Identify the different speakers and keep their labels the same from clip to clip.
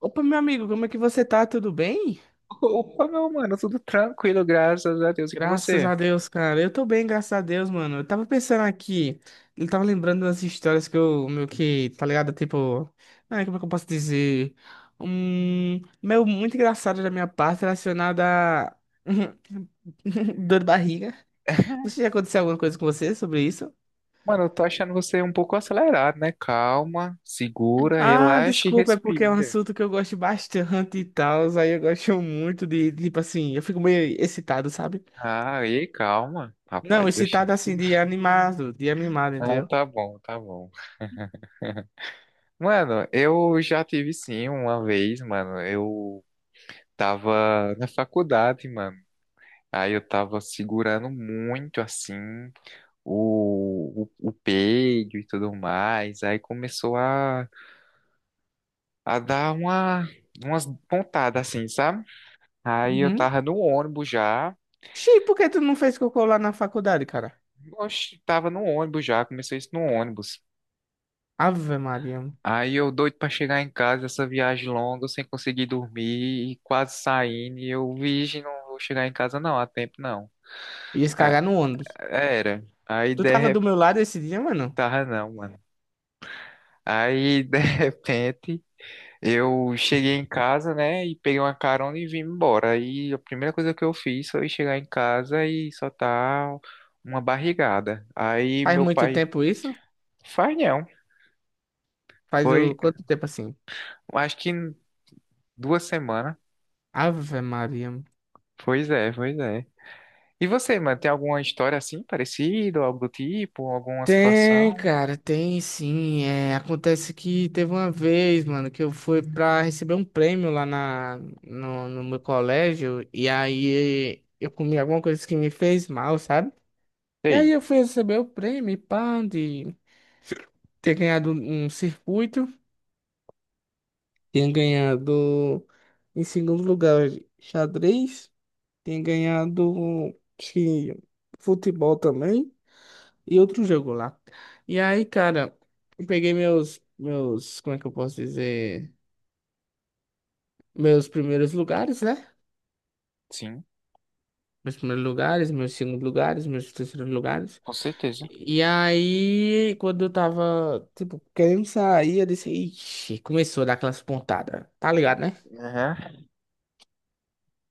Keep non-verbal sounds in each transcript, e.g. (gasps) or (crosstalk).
Speaker 1: Opa, meu amigo, como é que você tá? Tudo bem?
Speaker 2: Opa, meu mano, tudo tranquilo, graças a Deus e com
Speaker 1: Graças
Speaker 2: você.
Speaker 1: a Deus, cara. Eu tô bem, graças a Deus, mano. Eu tava pensando aqui, eu tava lembrando das histórias que tá ligado? Tipo, ai, como é que eu posso dizer? Meu, muito engraçado da minha parte relacionada a (laughs) dor de barriga.
Speaker 2: (laughs)
Speaker 1: Você já aconteceu alguma coisa com você sobre isso?
Speaker 2: Mano, eu tô achando você um pouco acelerado, né? Calma, segura,
Speaker 1: Ah,
Speaker 2: relaxa e
Speaker 1: desculpa, é porque é um
Speaker 2: respira.
Speaker 1: assunto que eu gosto bastante e tal. Aí eu gosto muito de, tipo assim, eu fico meio excitado, sabe?
Speaker 2: Ah, e calma,
Speaker 1: Não,
Speaker 2: rapaz, oxi.
Speaker 1: excitado assim de animado,
Speaker 2: Ah,
Speaker 1: entendeu?
Speaker 2: tá bom, tá bom. Mano, eu já tive sim uma vez, mano. Eu tava na faculdade, mano. Aí eu tava segurando muito assim o peido e tudo mais. Aí começou a dar umas pontadas assim, sabe? Aí eu
Speaker 1: Uhum.
Speaker 2: tava no ônibus já,
Speaker 1: Xi, por que tu não fez cocô lá na faculdade, cara?
Speaker 2: oxe, tava no ônibus já, começou isso no ônibus.
Speaker 1: Ave Maria, mano.
Speaker 2: Aí eu doido pra chegar em casa, essa viagem longa, sem conseguir dormir, e quase saindo, e eu, virgem, não vou chegar em casa não, há tempo não.
Speaker 1: Ia se
Speaker 2: A-
Speaker 1: cagar no ônibus.
Speaker 2: Era, aí
Speaker 1: Tu
Speaker 2: de
Speaker 1: tava do
Speaker 2: repente,
Speaker 1: meu lado esse dia, mano?
Speaker 2: tava não, mano. Aí de (laughs) repente. Eu cheguei em casa, né, e peguei uma carona e vim embora. Aí a primeira coisa que eu fiz foi chegar em casa e soltar uma barrigada. Aí
Speaker 1: Faz
Speaker 2: meu
Speaker 1: muito
Speaker 2: pai,
Speaker 1: tempo isso?
Speaker 2: faz não.
Speaker 1: Faz
Speaker 2: Foi,
Speaker 1: o quanto tempo assim?
Speaker 2: acho que em 2 semanas.
Speaker 1: Ave Maria, mano.
Speaker 2: Pois é, pois é. E você, mano, tem alguma história assim, parecida, ou algo do tipo, alguma situação?
Speaker 1: Tem, cara, tem sim. É, acontece que teve uma vez, mano, que eu fui pra receber um prêmio lá na, no, no meu colégio e aí eu comi alguma coisa que me fez mal, sabe? E aí
Speaker 2: Sei,
Speaker 1: eu fui receber o prêmio, e pá, de ter ganhado um circuito, tinha ganhado em segundo lugar xadrez, tinha ganhado acho que futebol também e outro jogo lá. E aí, cara, eu peguei meus, como é que eu posso dizer, meus primeiros lugares, né?
Speaker 2: sim,
Speaker 1: Meus primeiros lugares, meus segundos lugares, meus terceiros lugares.
Speaker 2: com certeza.
Speaker 1: E aí, quando eu tava, tipo, querendo sair, eu disse, ixi, começou a dar aquelas pontadas. Tá ligado, né?
Speaker 2: Aham,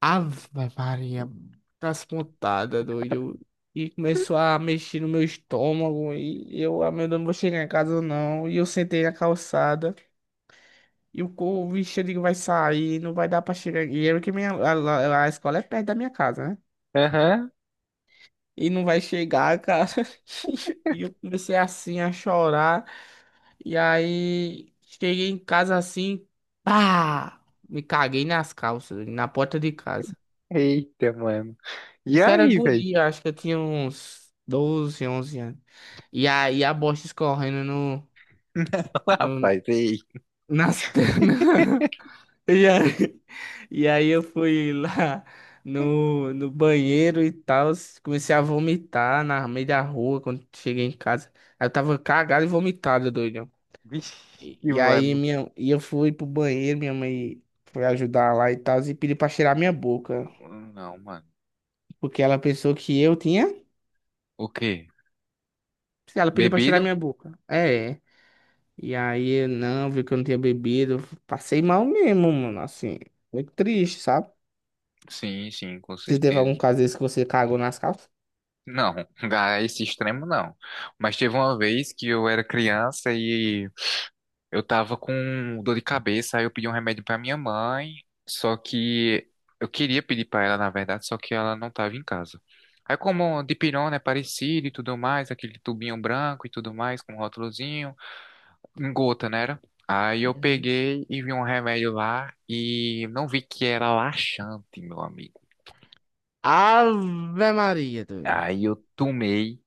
Speaker 1: Ave Maria, aquelas pontadas, doido. E começou a mexer no meu estômago. E eu, ah, meu Deus, não vou chegar em casa não. E eu sentei na calçada. E o bicho ali vai sair, não vai dar pra chegar. E é que minha, a escola é perto da minha casa, né?
Speaker 2: aham.
Speaker 1: E não vai chegar, cara. (laughs) E eu comecei assim a chorar. E aí cheguei em casa assim, pá! Me caguei nas calças, na porta de casa.
Speaker 2: Eita, mano. E
Speaker 1: Isso era
Speaker 2: aí, velho?
Speaker 1: guria, acho que eu tinha uns 12 11 anos. E aí a bosta escorrendo
Speaker 2: (laughs)
Speaker 1: no-
Speaker 2: Rapaz, ei.
Speaker 1: nas pernas. (laughs) E aí, eu fui lá no banheiro e tal. Comecei a vomitar na meio da rua quando cheguei em casa. Aí eu tava cagado e vomitado, doido.
Speaker 2: Vixe,
Speaker 1: E, e aí
Speaker 2: mano.
Speaker 1: minha, e eu fui pro banheiro, minha mãe foi ajudar lá e tal, e pediu pra cheirar minha boca.
Speaker 2: Não, mano.
Speaker 1: Porque ela pensou que eu tinha.
Speaker 2: O quê?
Speaker 1: Ela pediu pra cheirar
Speaker 2: Bebido?
Speaker 1: minha boca. É. E aí eu não, viu que eu não tinha bebido. Passei mal mesmo, mano. Assim, muito triste, sabe?
Speaker 2: Sim, sim, com
Speaker 1: Você teve
Speaker 2: certeza.
Speaker 1: algum caso desse que você cagou nas calças?
Speaker 2: Não, (laughs) a esse extremo não. Mas teve uma vez que eu era criança e eu tava com dor de cabeça, aí eu pedi um remédio pra minha mãe, só que eu queria pedir pra ela, na verdade, só que ela não tava em casa. Aí como dipirona é parecido e tudo mais, aquele tubinho branco e tudo mais, com um rótulozinho, em gota, né? Era? Aí eu
Speaker 1: Uhum.
Speaker 2: peguei e vi um remédio lá e não vi que era laxante, meu amigo.
Speaker 1: Ave Maria, doido.
Speaker 2: Aí eu tomei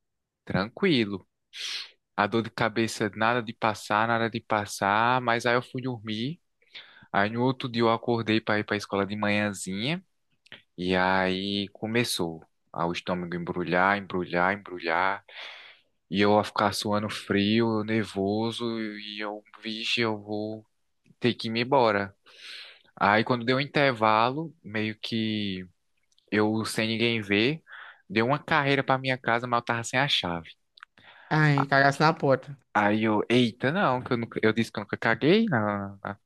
Speaker 2: tranquilo. A dor de cabeça, nada de passar, nada de passar, mas aí eu fui dormir. Aí no outro dia eu acordei para ir para a escola de manhãzinha e aí começou a o estômago embrulhar, embrulhar, embrulhar, e eu a ficar suando frio, nervoso e eu, vixe, eu vou ter que ir me embora. Aí quando deu um intervalo, meio que eu sem ninguém ver, deu uma carreira para minha casa, mas eu tava sem a chave.
Speaker 1: Ai, cagasse na porta.
Speaker 2: Aí eu, eita, não, que eu, nunca, eu disse que eu nunca caguei, não. Não.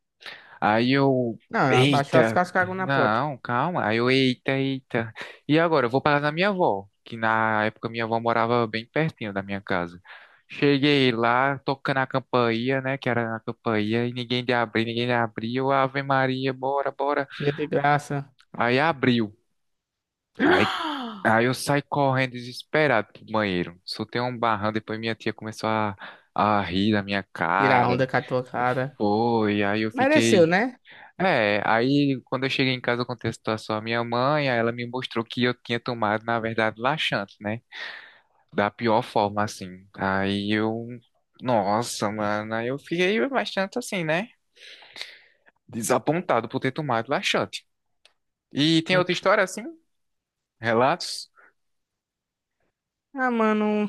Speaker 2: Aí eu,
Speaker 1: Não, abaixou as
Speaker 2: eita,
Speaker 1: calças, cagou na porta.
Speaker 2: não, calma. Aí eu, eita, eita. E agora, eu vou parar na minha avó, que na época minha avó morava bem pertinho da minha casa. Cheguei lá, tocando a campainha, né, que era na campainha, e ninguém de abrir, ninguém de abrir. Eu, Ave Maria, bora, bora.
Speaker 1: Cheia de graça.
Speaker 2: Aí abriu. Aí,
Speaker 1: (gasps)
Speaker 2: aí, eu saí correndo desesperado pro banheiro. Soltei um barrão, depois minha tia começou a rir da minha
Speaker 1: Tirar
Speaker 2: cara.
Speaker 1: onda com a tua cara.
Speaker 2: Foi, aí eu
Speaker 1: Mereceu,
Speaker 2: fiquei.
Speaker 1: né?
Speaker 2: É, aí quando eu cheguei em casa, eu contei a situação à minha mãe, aí ela me mostrou que eu tinha tomado, na verdade, laxante, né? Da pior forma, assim. Aí eu. Nossa, mano, aí eu fiquei bastante assim, né? Desapontado por ter tomado laxante. E tem outra história assim? Relatos?
Speaker 1: Ah, mano,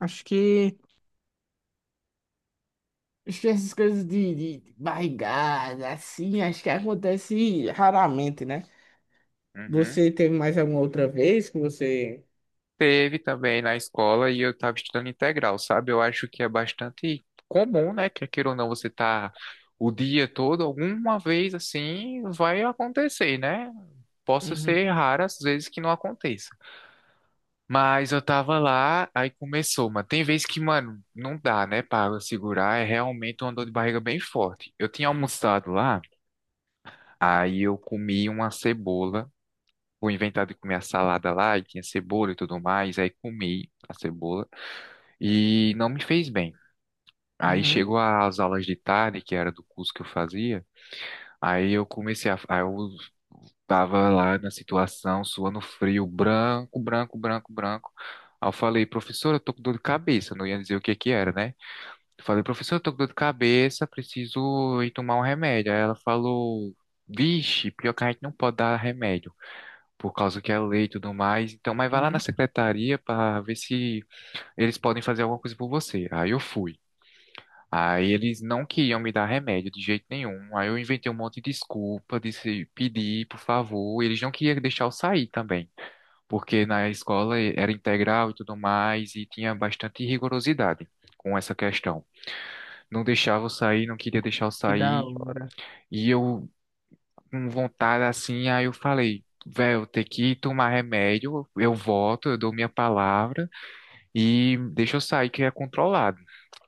Speaker 1: acho que Acho que essas coisas de barrigada, assim, acho que acontece raramente, né?
Speaker 2: Uhum.
Speaker 1: Você teve mais alguma outra vez que você.
Speaker 2: Teve também na escola e eu estava estudando integral, sabe? Eu acho que é bastante comum, né? Que queira ou não você tá o dia todo, alguma vez assim vai acontecer, né? Posso ser
Speaker 1: Uhum,
Speaker 2: raro às vezes que não aconteça. Mas eu tava lá, aí começou, mano. Tem vezes que, mano, não dá, né, para segurar. É realmente uma dor de barriga bem forte. Eu tinha almoçado lá, aí eu comi uma cebola. Vou inventar de comer a salada lá e tinha cebola e tudo mais. Aí comi a cebola e não me fez bem. Aí
Speaker 1: uhum,
Speaker 2: chegou as aulas de tarde, que era do curso que eu fazia. Aí eu comecei a. Aí eu tava lá na situação, suando frio, branco, branco, branco, branco. Aí eu falei, professora, eu tô com dor de cabeça. Eu não ia dizer o que que era, né? Eu falei, professora, eu tô com dor de cabeça, preciso ir tomar um remédio. Aí ela falou, vixe, pior que a gente não pode dar remédio por causa que é lei e tudo mais. Então, mas vai lá na
Speaker 1: uhum.
Speaker 2: secretaria para ver se eles podem fazer alguma coisa por você. Aí eu fui. Aí eles não queriam me dar remédio de jeito nenhum. Aí eu inventei um monte de desculpa, disse pedir, por favor. Eles não queriam deixar eu sair também, porque na escola era integral e tudo mais e tinha bastante rigorosidade com essa questão. Não deixava eu sair, não queria deixar eu
Speaker 1: Que da
Speaker 2: sair.
Speaker 1: hora.
Speaker 2: E eu com vontade assim, aí eu falei, velho, tem que tomar remédio, eu volto, eu dou minha palavra e deixa eu sair que é controlado.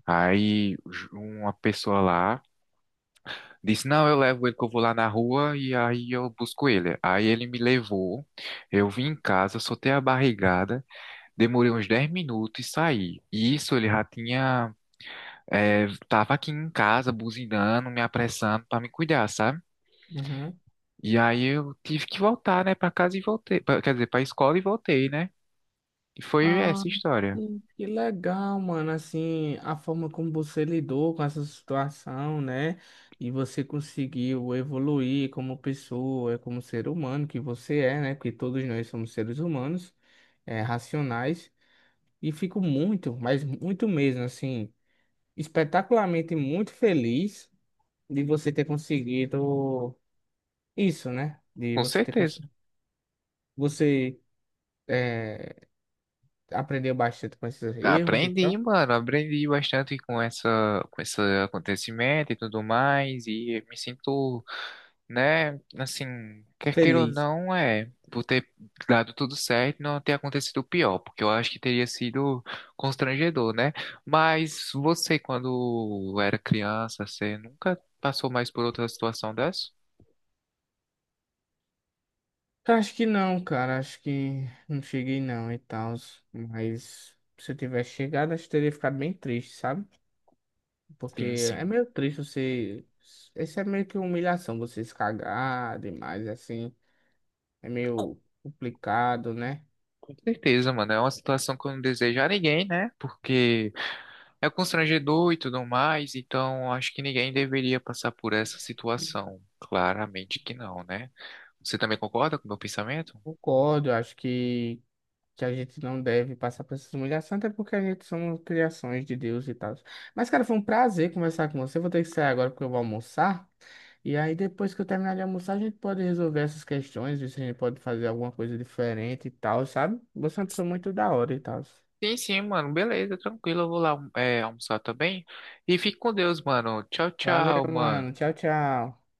Speaker 2: Aí uma pessoa lá disse, não, eu levo ele que eu vou lá na rua e aí eu busco ele. Aí ele me levou, eu vim em casa, soltei a barrigada, demorei uns 10 minutos e saí. E isso ele já tinha, tava aqui em casa buzinando, me apressando para me cuidar, sabe?
Speaker 1: Uhum.
Speaker 2: E aí eu tive que voltar, né, pra casa e voltei, quer dizer, pra escola e voltei, né? E foi
Speaker 1: Ah,
Speaker 2: essa história,
Speaker 1: que legal, mano. Assim, a forma como você lidou com essa situação, né? E você conseguiu evoluir como pessoa, como ser humano que você é, né? Porque todos nós somos seres humanos, é, racionais. E fico muito, mas muito mesmo, assim, espetacularmente muito feliz de você ter conseguido isso, né? De
Speaker 2: com
Speaker 1: você ter
Speaker 2: certeza.
Speaker 1: conseguido. Você eh, aprendeu bastante com esses erros e
Speaker 2: Aprendi,
Speaker 1: tal.
Speaker 2: mano, aprendi bastante com essa, com esse acontecimento e tudo mais, e me sinto, né, assim, quer queira ou
Speaker 1: Feliz.
Speaker 2: não, é, por ter dado tudo certo, e não ter acontecido o pior, porque eu acho que teria sido constrangedor, né? Mas você, quando era criança, você nunca passou mais por outra situação dessa?
Speaker 1: Cara, acho que não, cara. Acho que não cheguei não e tal. Mas se eu tivesse chegado, acho que teria ficado bem triste, sabe? Porque
Speaker 2: Sim,
Speaker 1: é
Speaker 2: sim.
Speaker 1: meio triste você. Isso é meio que humilhação, você se cagar demais, assim. É meio complicado, né?
Speaker 2: Com certeza, mano. É uma situação que eu não desejo a ninguém, né? Porque é constrangedor e tudo mais, então acho que ninguém deveria passar por essa situação. Claramente que não, né? Você também concorda com o meu pensamento?
Speaker 1: Concordo, eu acho que a gente não deve passar por essas humilhações, até porque a gente somos criações de Deus e tal. Mas, cara, foi um prazer conversar com você. Vou ter que sair agora porque eu vou almoçar. E aí, depois que eu terminar de almoçar, a gente pode resolver essas questões, ver se a gente pode fazer alguma coisa diferente e tal, sabe? Você é uma pessoa muito da hora e tal.
Speaker 2: Sim, sim, mano. Beleza, tranquilo. Eu vou lá, é, almoçar também. E fique com Deus, mano. Tchau,
Speaker 1: Valeu,
Speaker 2: tchau,
Speaker 1: mano.
Speaker 2: mano.
Speaker 1: Tchau, tchau.